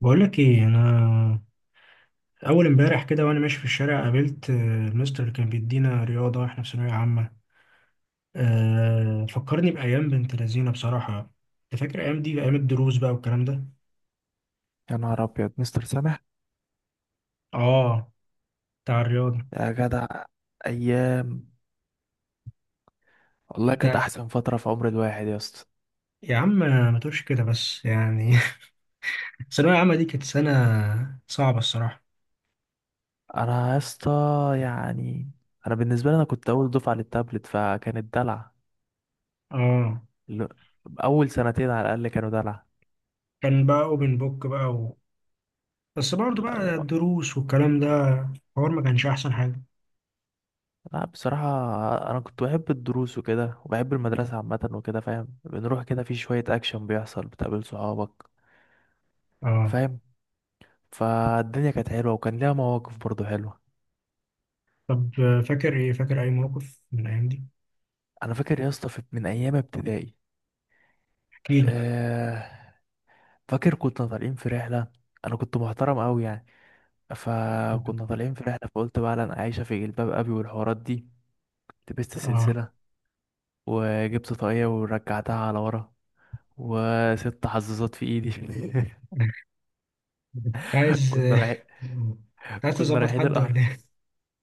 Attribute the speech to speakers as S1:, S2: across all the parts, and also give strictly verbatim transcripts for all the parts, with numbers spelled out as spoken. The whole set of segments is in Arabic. S1: بقولك ايه انا. اول امبارح كده وانا ماشي في الشارع قابلت آه، المستر اللي كان بيدينا رياضه واحنا في ثانويه عامه. أه فكرني بايام بنت لذينه بصراحه. انت فاكر الايام دي، ايام الدروس بقى والكلام ده؟
S2: يا نهار ابيض، مستر سامح!
S1: اه. بتاع الرياضه.
S2: يا جدع، ايام! والله كانت
S1: انت
S2: احسن فتره في عمر الواحد يا اسطى.
S1: يا عم ما تقولش كده بس يعني الثانويه العامه دي كانت سنه صعبه الصراحه.
S2: انا يا اسطى، يعني انا بالنسبه لي، انا كنت اول دفعه للتابلت فكانت دلع.
S1: اه.
S2: ال- اول سنتين على الاقل كانوا دلع.
S1: كان بقى اوبن بوك بقى و... بس برضه بقى
S2: لا،
S1: الدروس والكلام ده. الحوار ما كانش احسن حاجه.
S2: لا، بصراحه. انا كنت بحب الدروس وكده وبحب المدرسه عامه وكده، فاهم؟ بنروح كده، في شويه اكشن بيحصل، بتقابل صحابك،
S1: اه.
S2: فاهم؟ فالدنيا كانت حلوه وكان ليها مواقف برضو حلوه.
S1: طب آه، فاكر ايه، فاكر اي موقف من الايام
S2: انا فاكر يا اسطى في- من ايام ابتدائي.
S1: دي؟
S2: آه، فاكر كنا طالعين في رحلة. أنا كنت محترم أوي يعني. فكنا طالعين في رحلة فقلت بقى أنا عايشة في جلباب أبي والحوارات دي. لبست
S1: اه.
S2: سلسلة وجبت طاقية ورجعتها على ورا، وست حظاظات في إيدي.
S1: كنت عايز
S2: كنا رايحين
S1: كنت عايز
S2: كنا
S1: تظبط
S2: رايحين
S1: حد ولا
S2: الأهرام
S1: ايه؟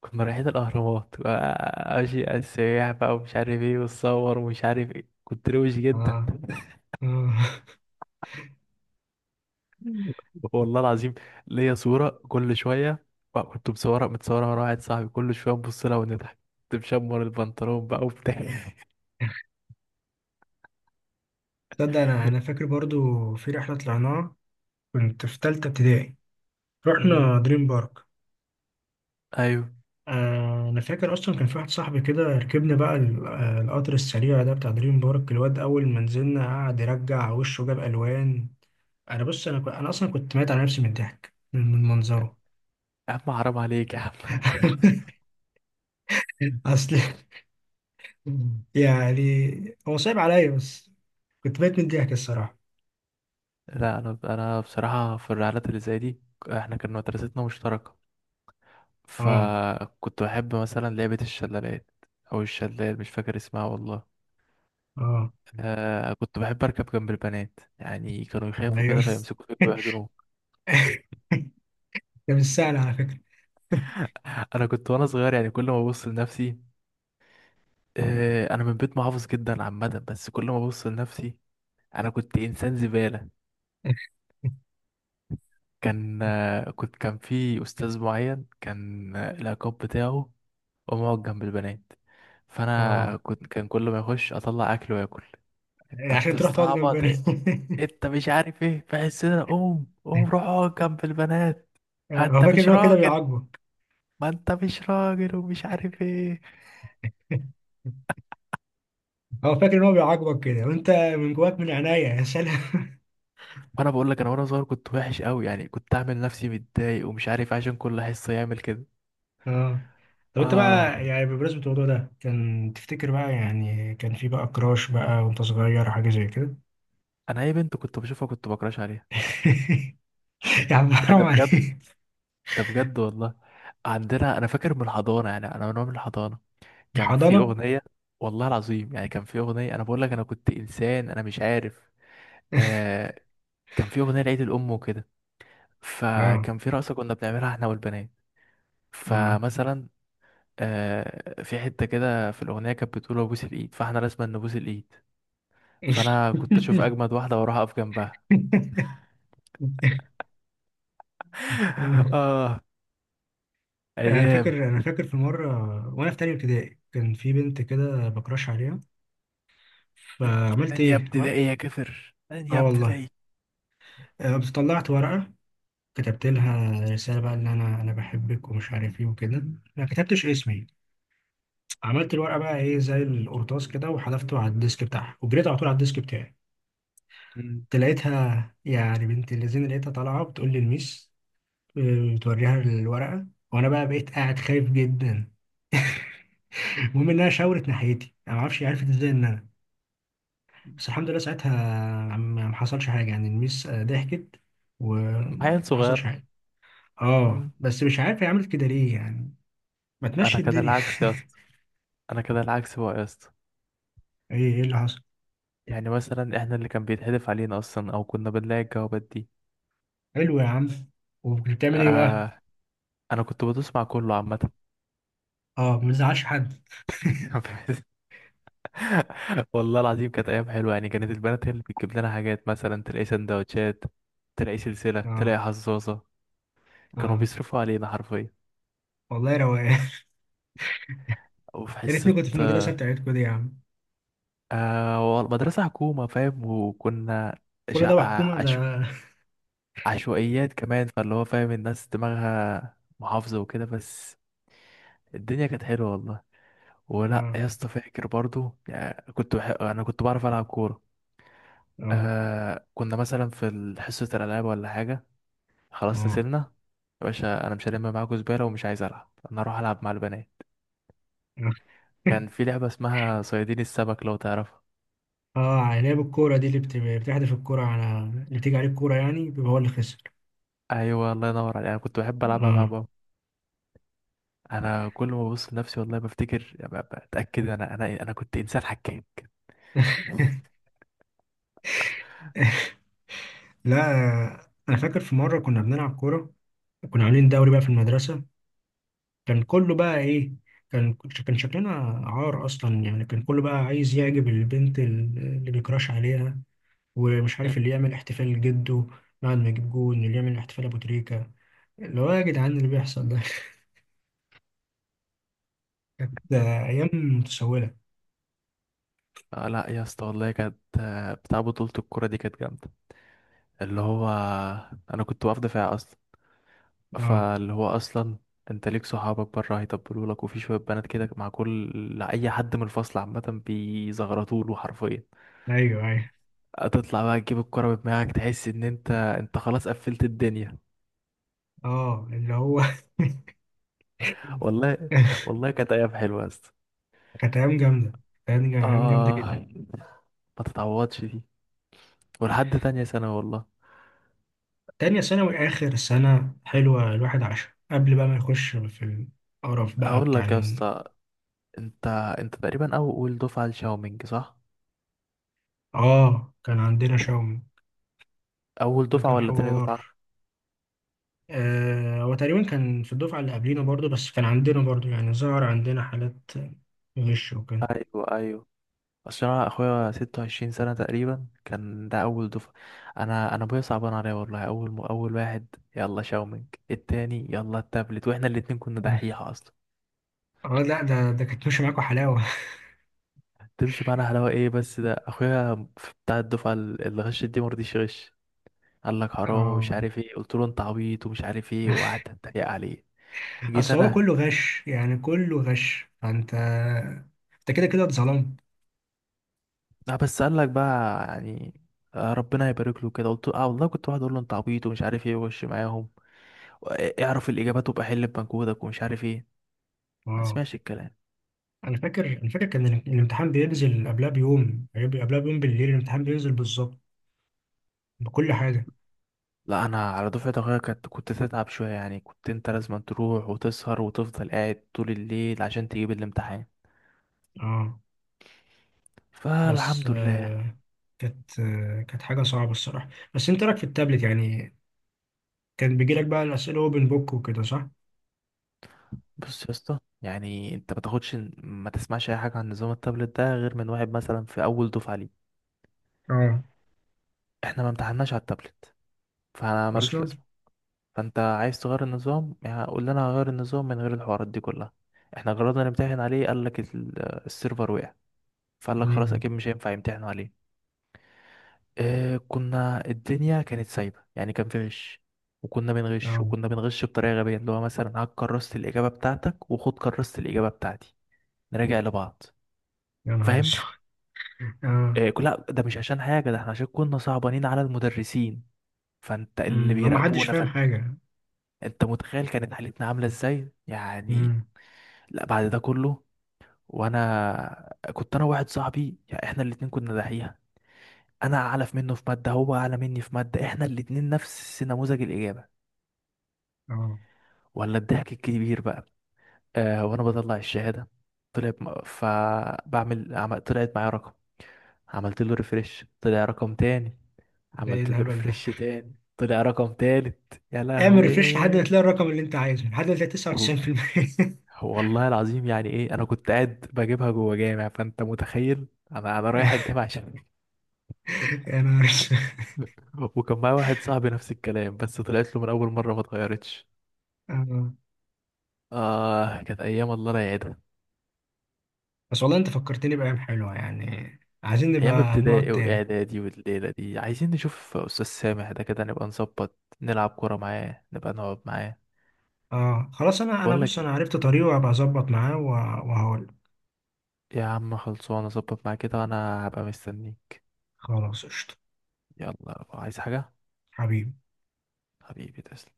S2: كنا رايحين الأهرامات، ماشي على السياح بقى ومش عارف إيه وتصور ومش عارف إيه، كنت روش جدا.
S1: اه. اه.
S2: والله العظيم، ليا صورة كل شوية. بقى كنت مصورة متصورة مع واحد صاحبي، كل شوية نبص لها ونضحك. كنت مشمر البنطلون بقى وبتاع
S1: تصدق انا انا فاكر برضو في رحلة طلعناها. كنت في تالتة ابتدائي.
S2: أمم،
S1: رحنا دريم بارك.
S2: أيوه.
S1: آه، انا فاكر اصلا كان في واحد صاحبي كده. ركبنا بقى ال- آه، القطر السريع ده بتاع دريم بارك. الواد اول ما نزلنا قعد يرجع وشه جاب الوان. انا بص انا ك- انا اصلا كنت ميت على نفسي من الضحك من من منظره.
S2: يا عم حرام عليك يا عم
S1: اصل يعني هو صعب عليا بس كنت بقيت من الضحك الصراحة.
S2: لا، أنا أنا بصراحة في الرحلات اللي زي دي، إحنا كان مدرستنا مشتركة.
S1: اه.
S2: فكنت بحب مثلا لعبة الشلالات، أو الشلال، مش فاكر اسمها والله.
S1: اه.
S2: آه، كنت بحب أركب جنب البنات، يعني كانوا يخافوا
S1: ايوه.
S2: كده فيمسكوا فيك ويحضنوك.
S1: ده مش سهل على فكرة.
S2: انا كنت وانا صغير يعني، كل ما ابص لنفسي، آه، انا من بيت محافظ جدا عامه، بس كل ما ابص لنفسي انا كنت انسان زباله. كان آه، كنت كان في استاذ معين، كان آه، العقاب بتاعه ومقعد جنب البنات، فانا
S1: اه.
S2: كنت كان كل ما يخش اطلع اكل واكل: انت
S1: عشان تروح تقعد جنب
S2: بتستعبط
S1: بني.
S2: إيه؟ انت مش عارف ايه في حسنا، قوم قوم روح اقعد جنب البنات، ها
S1: هو
S2: انت
S1: فاكر
S2: مش
S1: ان هو كده
S2: راجل،
S1: بيعاقبك.
S2: ما انت مش راجل ومش عارف ايه.
S1: هو فاكر ان هو بيعاقبك كده وانت من جواك من عينيا يا سلام.
S2: وانا بقول لك، انا وانا صغير كنت وحش قوي يعني، كنت اعمل نفسي متضايق ومش عارف إيه عشان كل حصه يعمل كده.
S1: اه. طب انت
S2: آه،
S1: بقى يعني بمناسبة الموضوع ده، كان تفتكر بقى يعني كان في بقى كراش بقى وانت صغير حاجة زي كده؟
S2: أنا أي بنت كنت بشوفها كنت بكراش عليها.
S1: يا عم
S2: لا،
S1: حرام
S2: ده بجد،
S1: عليك.
S2: ده بجد والله. عندنا، أنا فاكر من الحضانة، يعني أنا من وأنا من الحضانة كان في
S1: الحضانة؟
S2: أغنية. والله العظيم يعني، كان في أغنية، أنا بقول لك أنا كنت إنسان، أنا مش عارف. آه كان في أغنية لعيد الأم وكده،
S1: اه.
S2: فكان في رقصة كنا بنعملها إحنا والبنات.
S1: اه.
S2: فمثلا، آه في حتة كده في الأغنية كانت بتقول أبوس الإيد، فإحنا لازم نبوس الإيد. فأنا كنت أشوف أجمد واحدة وأروح أقف جنبها.
S1: انا
S2: آه، أيام.
S1: فاكر انا فاكر في مره وانا في تانية ابتدائي كان في بنت كده بكراش عليها. فعملت
S2: تانية
S1: ايه؟ اه.
S2: ابتدائي يا كفر، تانية
S1: آه والله.
S2: ابتدائي.
S1: آه، قمت طلعت ورقه. كتبت لها رساله بقى ان انا انا بحبك ومش عارف ايه وكده. ما كتبتش اسمي. عملت الورقه بقى ايه زي القرطاس كده، وحذفته على الديسك بتاعها، وجريت على طول على الديسك بتاعي.
S2: مم.
S1: لقيتها يعني بنت اللذين لقيتها طالعه بتقول لي الميس. آه، بتوريها الورقه. وانا بقى بقيت قاعد خايف جدا. المهم انها شاورت ناحيتي، انا ما اعرفش عرفت ازاي ان انا. بس الحمد لله ساعتها ما ما حصلش حاجه، يعني الميس آه، ضحكت
S2: عيل
S1: وما ما حصلش
S2: صغير.
S1: حاجه. اه
S2: مم.
S1: بس مش عارف هي عملت كده ليه يعني. ما
S2: انا
S1: تمشي
S2: كده
S1: الدنيا.
S2: العكس يا اسطى، انا كده العكس بقى يا اسطى.
S1: ايه ايه اللي حصل؟
S2: يعني مثلا احنا اللي كان بيتحدف علينا اصلا، او كنا بنلاقي الجوابات دي.
S1: حلو يا عم. وكنت بتعمل ايه بقى؟
S2: آه. انا كنت بدوس مع كله عامه.
S1: اه. ما بتزعلش حد.
S2: والله العظيم كانت ايام حلوه، يعني كانت البنات هي اللي بتجيب لنا حاجات، مثلا تلاقي سندوتشات، تلاقي سلسله،
S1: اه.
S2: تلاقي حظاظه. كانوا
S1: اه
S2: بيصرفوا علينا حرفيا.
S1: والله روقان.
S2: وفي
S1: يا ريتني
S2: حصه،
S1: كنت في المدرسه بتاعتكم دي يا عم.
S2: آه وال- مدرسه حكومه، فاهم؟ وكنا
S1: كل ده
S2: شقة
S1: وحكومه ده؟
S2: عشوائيات كمان، فاللي هو فاهم، الناس دماغها محافظة وكده. بس الدنيا كانت حلوة والله. ولا
S1: اه.
S2: يا اسطى، فاكر برضو يعني كنت بح... انا كنت بعرف العب كورة.
S1: اه.
S2: آه كنا مثلا في ال- حصة الالعاب ولا حاجة، خلاص
S1: اه.
S2: نزلنا. يا باشا انا مش هلم معاكوا زبالة ومش عايز العب، انا اروح العب مع البنات. كان في لعبة اسمها صيادين السمك لو تعرفها.
S1: اه. لعب الكوره دي اللي بت- بتحدف الكوره على اللي بتيجي عليه الكوره، يعني بيبقى هو اللي خسر.
S2: ايوه، الله ينور عليك، انا كنت بحب العبها مع
S1: اه.
S2: بابا. انا كل ما ببص لنفسي والله بفتكر يعني، ب- بتاكد انا انا انا كنت انسان حكيم.
S1: لا. انا فاكر في مره كنا بنلعب كوره. كنا عاملين دوري بقى في المدرسه. كان كله بقى ايه. كان كان شكلنا عار اصلا، يعني كان كله بقى عايز يعجب البنت اللي بيكراش عليها. ومش عارف اللي يعمل احتفال جده بعد ما يجيب جون، اللي يعمل احتفال ابو تريكه، اللي هو يا جدعان اللي بيحصل ده. كانت ايام متسوله.
S2: آه لا يا اسطى والله كانت، آه، بتاع بطولة الكورة دي كانت جامدة. اللي هو، أنا كنت واقف دفاع أصلا،
S1: اه.
S2: فاللي هو أصلا، أنت ليك صحابك بره هيطبلوا لك، وفي شوية بنات كده مع كل أي حد من الفصل عامة بيزغرطوا له حرفيا.
S1: ايوه. ايوه.
S2: هتطلع بقى تجيب الكورة بدماغك، تحس إن أنت أنت خلاص قفلت الدنيا.
S1: اه اللي هو
S2: والله، والله كانت أيام حلوة يا اسطى.
S1: كانت ايام جامده، كانت ايام جامده
S2: آه،
S1: جدا.
S2: ما تتعوضش دي، ولحد تانية سنة والله.
S1: تانية ثانوي آخر سنة حلوة الواحد عاشها قبل بقى ما يخش في القرف بقى
S2: هقول
S1: بتاع
S2: لك يا
S1: ال-
S2: اسطى، انت انت تقريبا اول دفعه لشاومينج، صح؟
S1: آه، كان عندنا شوم.
S2: اول
S1: ده
S2: دفعه
S1: كان
S2: ولا تاني
S1: حوار.
S2: دفعه؟
S1: آه هو تقريبا كان في الدفعة اللي قبلينا برضو، بس كان عندنا برضو يعني ظهر عندنا حالات غش وكده.
S2: ايوه، ايوه. اصل انا اخويا ستة وعشرين سنه تقريبا، كان ده اول دفعه. انا انا ابويا صعبان عليا والله. اول م... اول واحد يلا شاومينج، التاني يلا التابلت، واحنا الاتنين كنا دحيحه اصلا.
S1: اه. لا ده ده كانت ماشية معاكوا حلاوة.
S2: تمشي معانا حلاوه ايه، بس ده اخويا في- بتاع الدفعه ال- اللي غشت دي، مرضيش يغش. قال لك حرام ومش
S1: اه.
S2: عارف ايه، قلت له انت عبيط ومش عارف ايه، وقعدت اتريق عليه. جيت
S1: اصل هو
S2: انا،
S1: كله غش، يعني كله غش، فانت انت كده كده اتظلمت.
S2: لا، بس قال لك بقى يعني، آه، ربنا يبارك له كده. قلت له اه والله، كنت واحد اقول له انت عبيط ومش عارف ايه، وش معاهم، اعرف الاجابات وابقى حل بمجهودك ومش عارف ايه. ما
S1: اه.
S2: اسمعش الكلام.
S1: انا فاكر انا فاكر كان ال- الامتحان بينزل قبلها بيوم، بيبقى قبلها بيوم بالليل الامتحان بينزل بالظبط بكل حاجه.
S2: لا، انا على دفعه اخويا، كنت كنت تتعب شويه يعني، كنت انت لازم تروح وتسهر وتفضل قاعد طول الليل عشان تجيب الامتحان.
S1: اه بس
S2: فالحمد لله.
S1: آه كانت آه كانت حاجه صعبه الصراحه. بس انت إيه رايك في التابلت يعني؟ كان بيجي لك بقى الاسئله اوبن بوك وكده صح؟
S2: بص يا اسطى، يعني انت ما تاخدش ما تسمعش اي حاجه عن نظام التابلت ده غير من واحد مثلا في اول دفعه ليه.
S1: اه
S2: احنا ما امتحناش على التابلت، فانا ملوش
S1: اصلا.
S2: لازمه. فانت عايز تغير النظام يعني، قول لنا هغير النظام من غير الحوارات دي كلها. احنا جربنا نمتحن عليه، قال لك ال- السيرفر وقع. فقال لك خلاص
S1: امم.
S2: اكيد مش هينفع يمتحنوا عليه. آه كنا، الدنيا كانت سايبه يعني كان في غش، وكنا بنغش
S1: اه.
S2: وكنا بنغش بطريقه غبيه، اللي هو مثلا هات كرست الاجابه بتاعتك وخد كرست الاجابه بتاعتي، نراجع لبعض،
S1: يا نهار
S2: فاهم؟
S1: اسود. اه.
S2: آه كل- لا ده مش عشان حاجه، ده احنا عشان كنا صعبانين على المدرسين، فانت اللي
S1: امم لو ما حدش
S2: بيراقبونا،
S1: فاهم
S2: فانت،
S1: حاجه.
S2: انت متخيل كانت حالتنا عامله ازاي يعني.
S1: امم.
S2: لا، بعد ده كله، وانا كنت انا واحد صاحبي يعني احنا الاتنين كنا دحيحه. انا اعلى في منه في ماده، هو اعلى مني في ماده، احنا الاتنين نفس نموذج الاجابه،
S1: اه.
S2: ولا الضحك الكبير بقى. آه وانا بطلع الشهاده، طلع بم- فبعمل عمل طلعت معايا رقم، عملت له ريفرش طلع رقم تاني،
S1: ده ايه
S2: عملت له
S1: الهبل ده؟
S2: ريفرش تاني طلع رقم تالت، يا
S1: اعمل ريفريش لحد ما
S2: لهوي.
S1: تلاقي الرقم اللي انت عايزه لحد ما تلاقي
S2: وال-
S1: تسعه وتسعين بالمية.
S2: والله العظيم يعني ايه، انا كنت قاعد بجيبها جوه جامع، فانت متخيل، انا انا رايح الجامع عشان
S1: يا نهار اسود.
S2: وكان معايا واحد صاحبي نفس الكلام، بس طلعت له من اول مره ما اتغيرتش.
S1: آه.
S2: آه، كانت أيام الله لا يعيدها.
S1: بس والله انت فكرتني بأيام حلوة يعني. عايزين
S2: أيام
S1: نبقى نقعد
S2: ابتدائي
S1: تاني.
S2: وإعدادي، والليلة دي عايزين نشوف أستاذ سامح ده، كده نبقى نظبط نلعب كورة معاه، نبقى نقعد معاه.
S1: اه. خلاص انا انا
S2: بقول
S1: بص
S2: لك
S1: انا
S2: إيه،
S1: عرفت طريقه وهبقى اظبط معاه و- وهقول.
S2: يا عم خلصانة، أظبط معاه كده وأنا هبقى مستنيه.
S1: خلاص قشطة.
S2: يلا، عايز حاجة؟
S1: حبيبي.
S2: حبيبي، تسلم.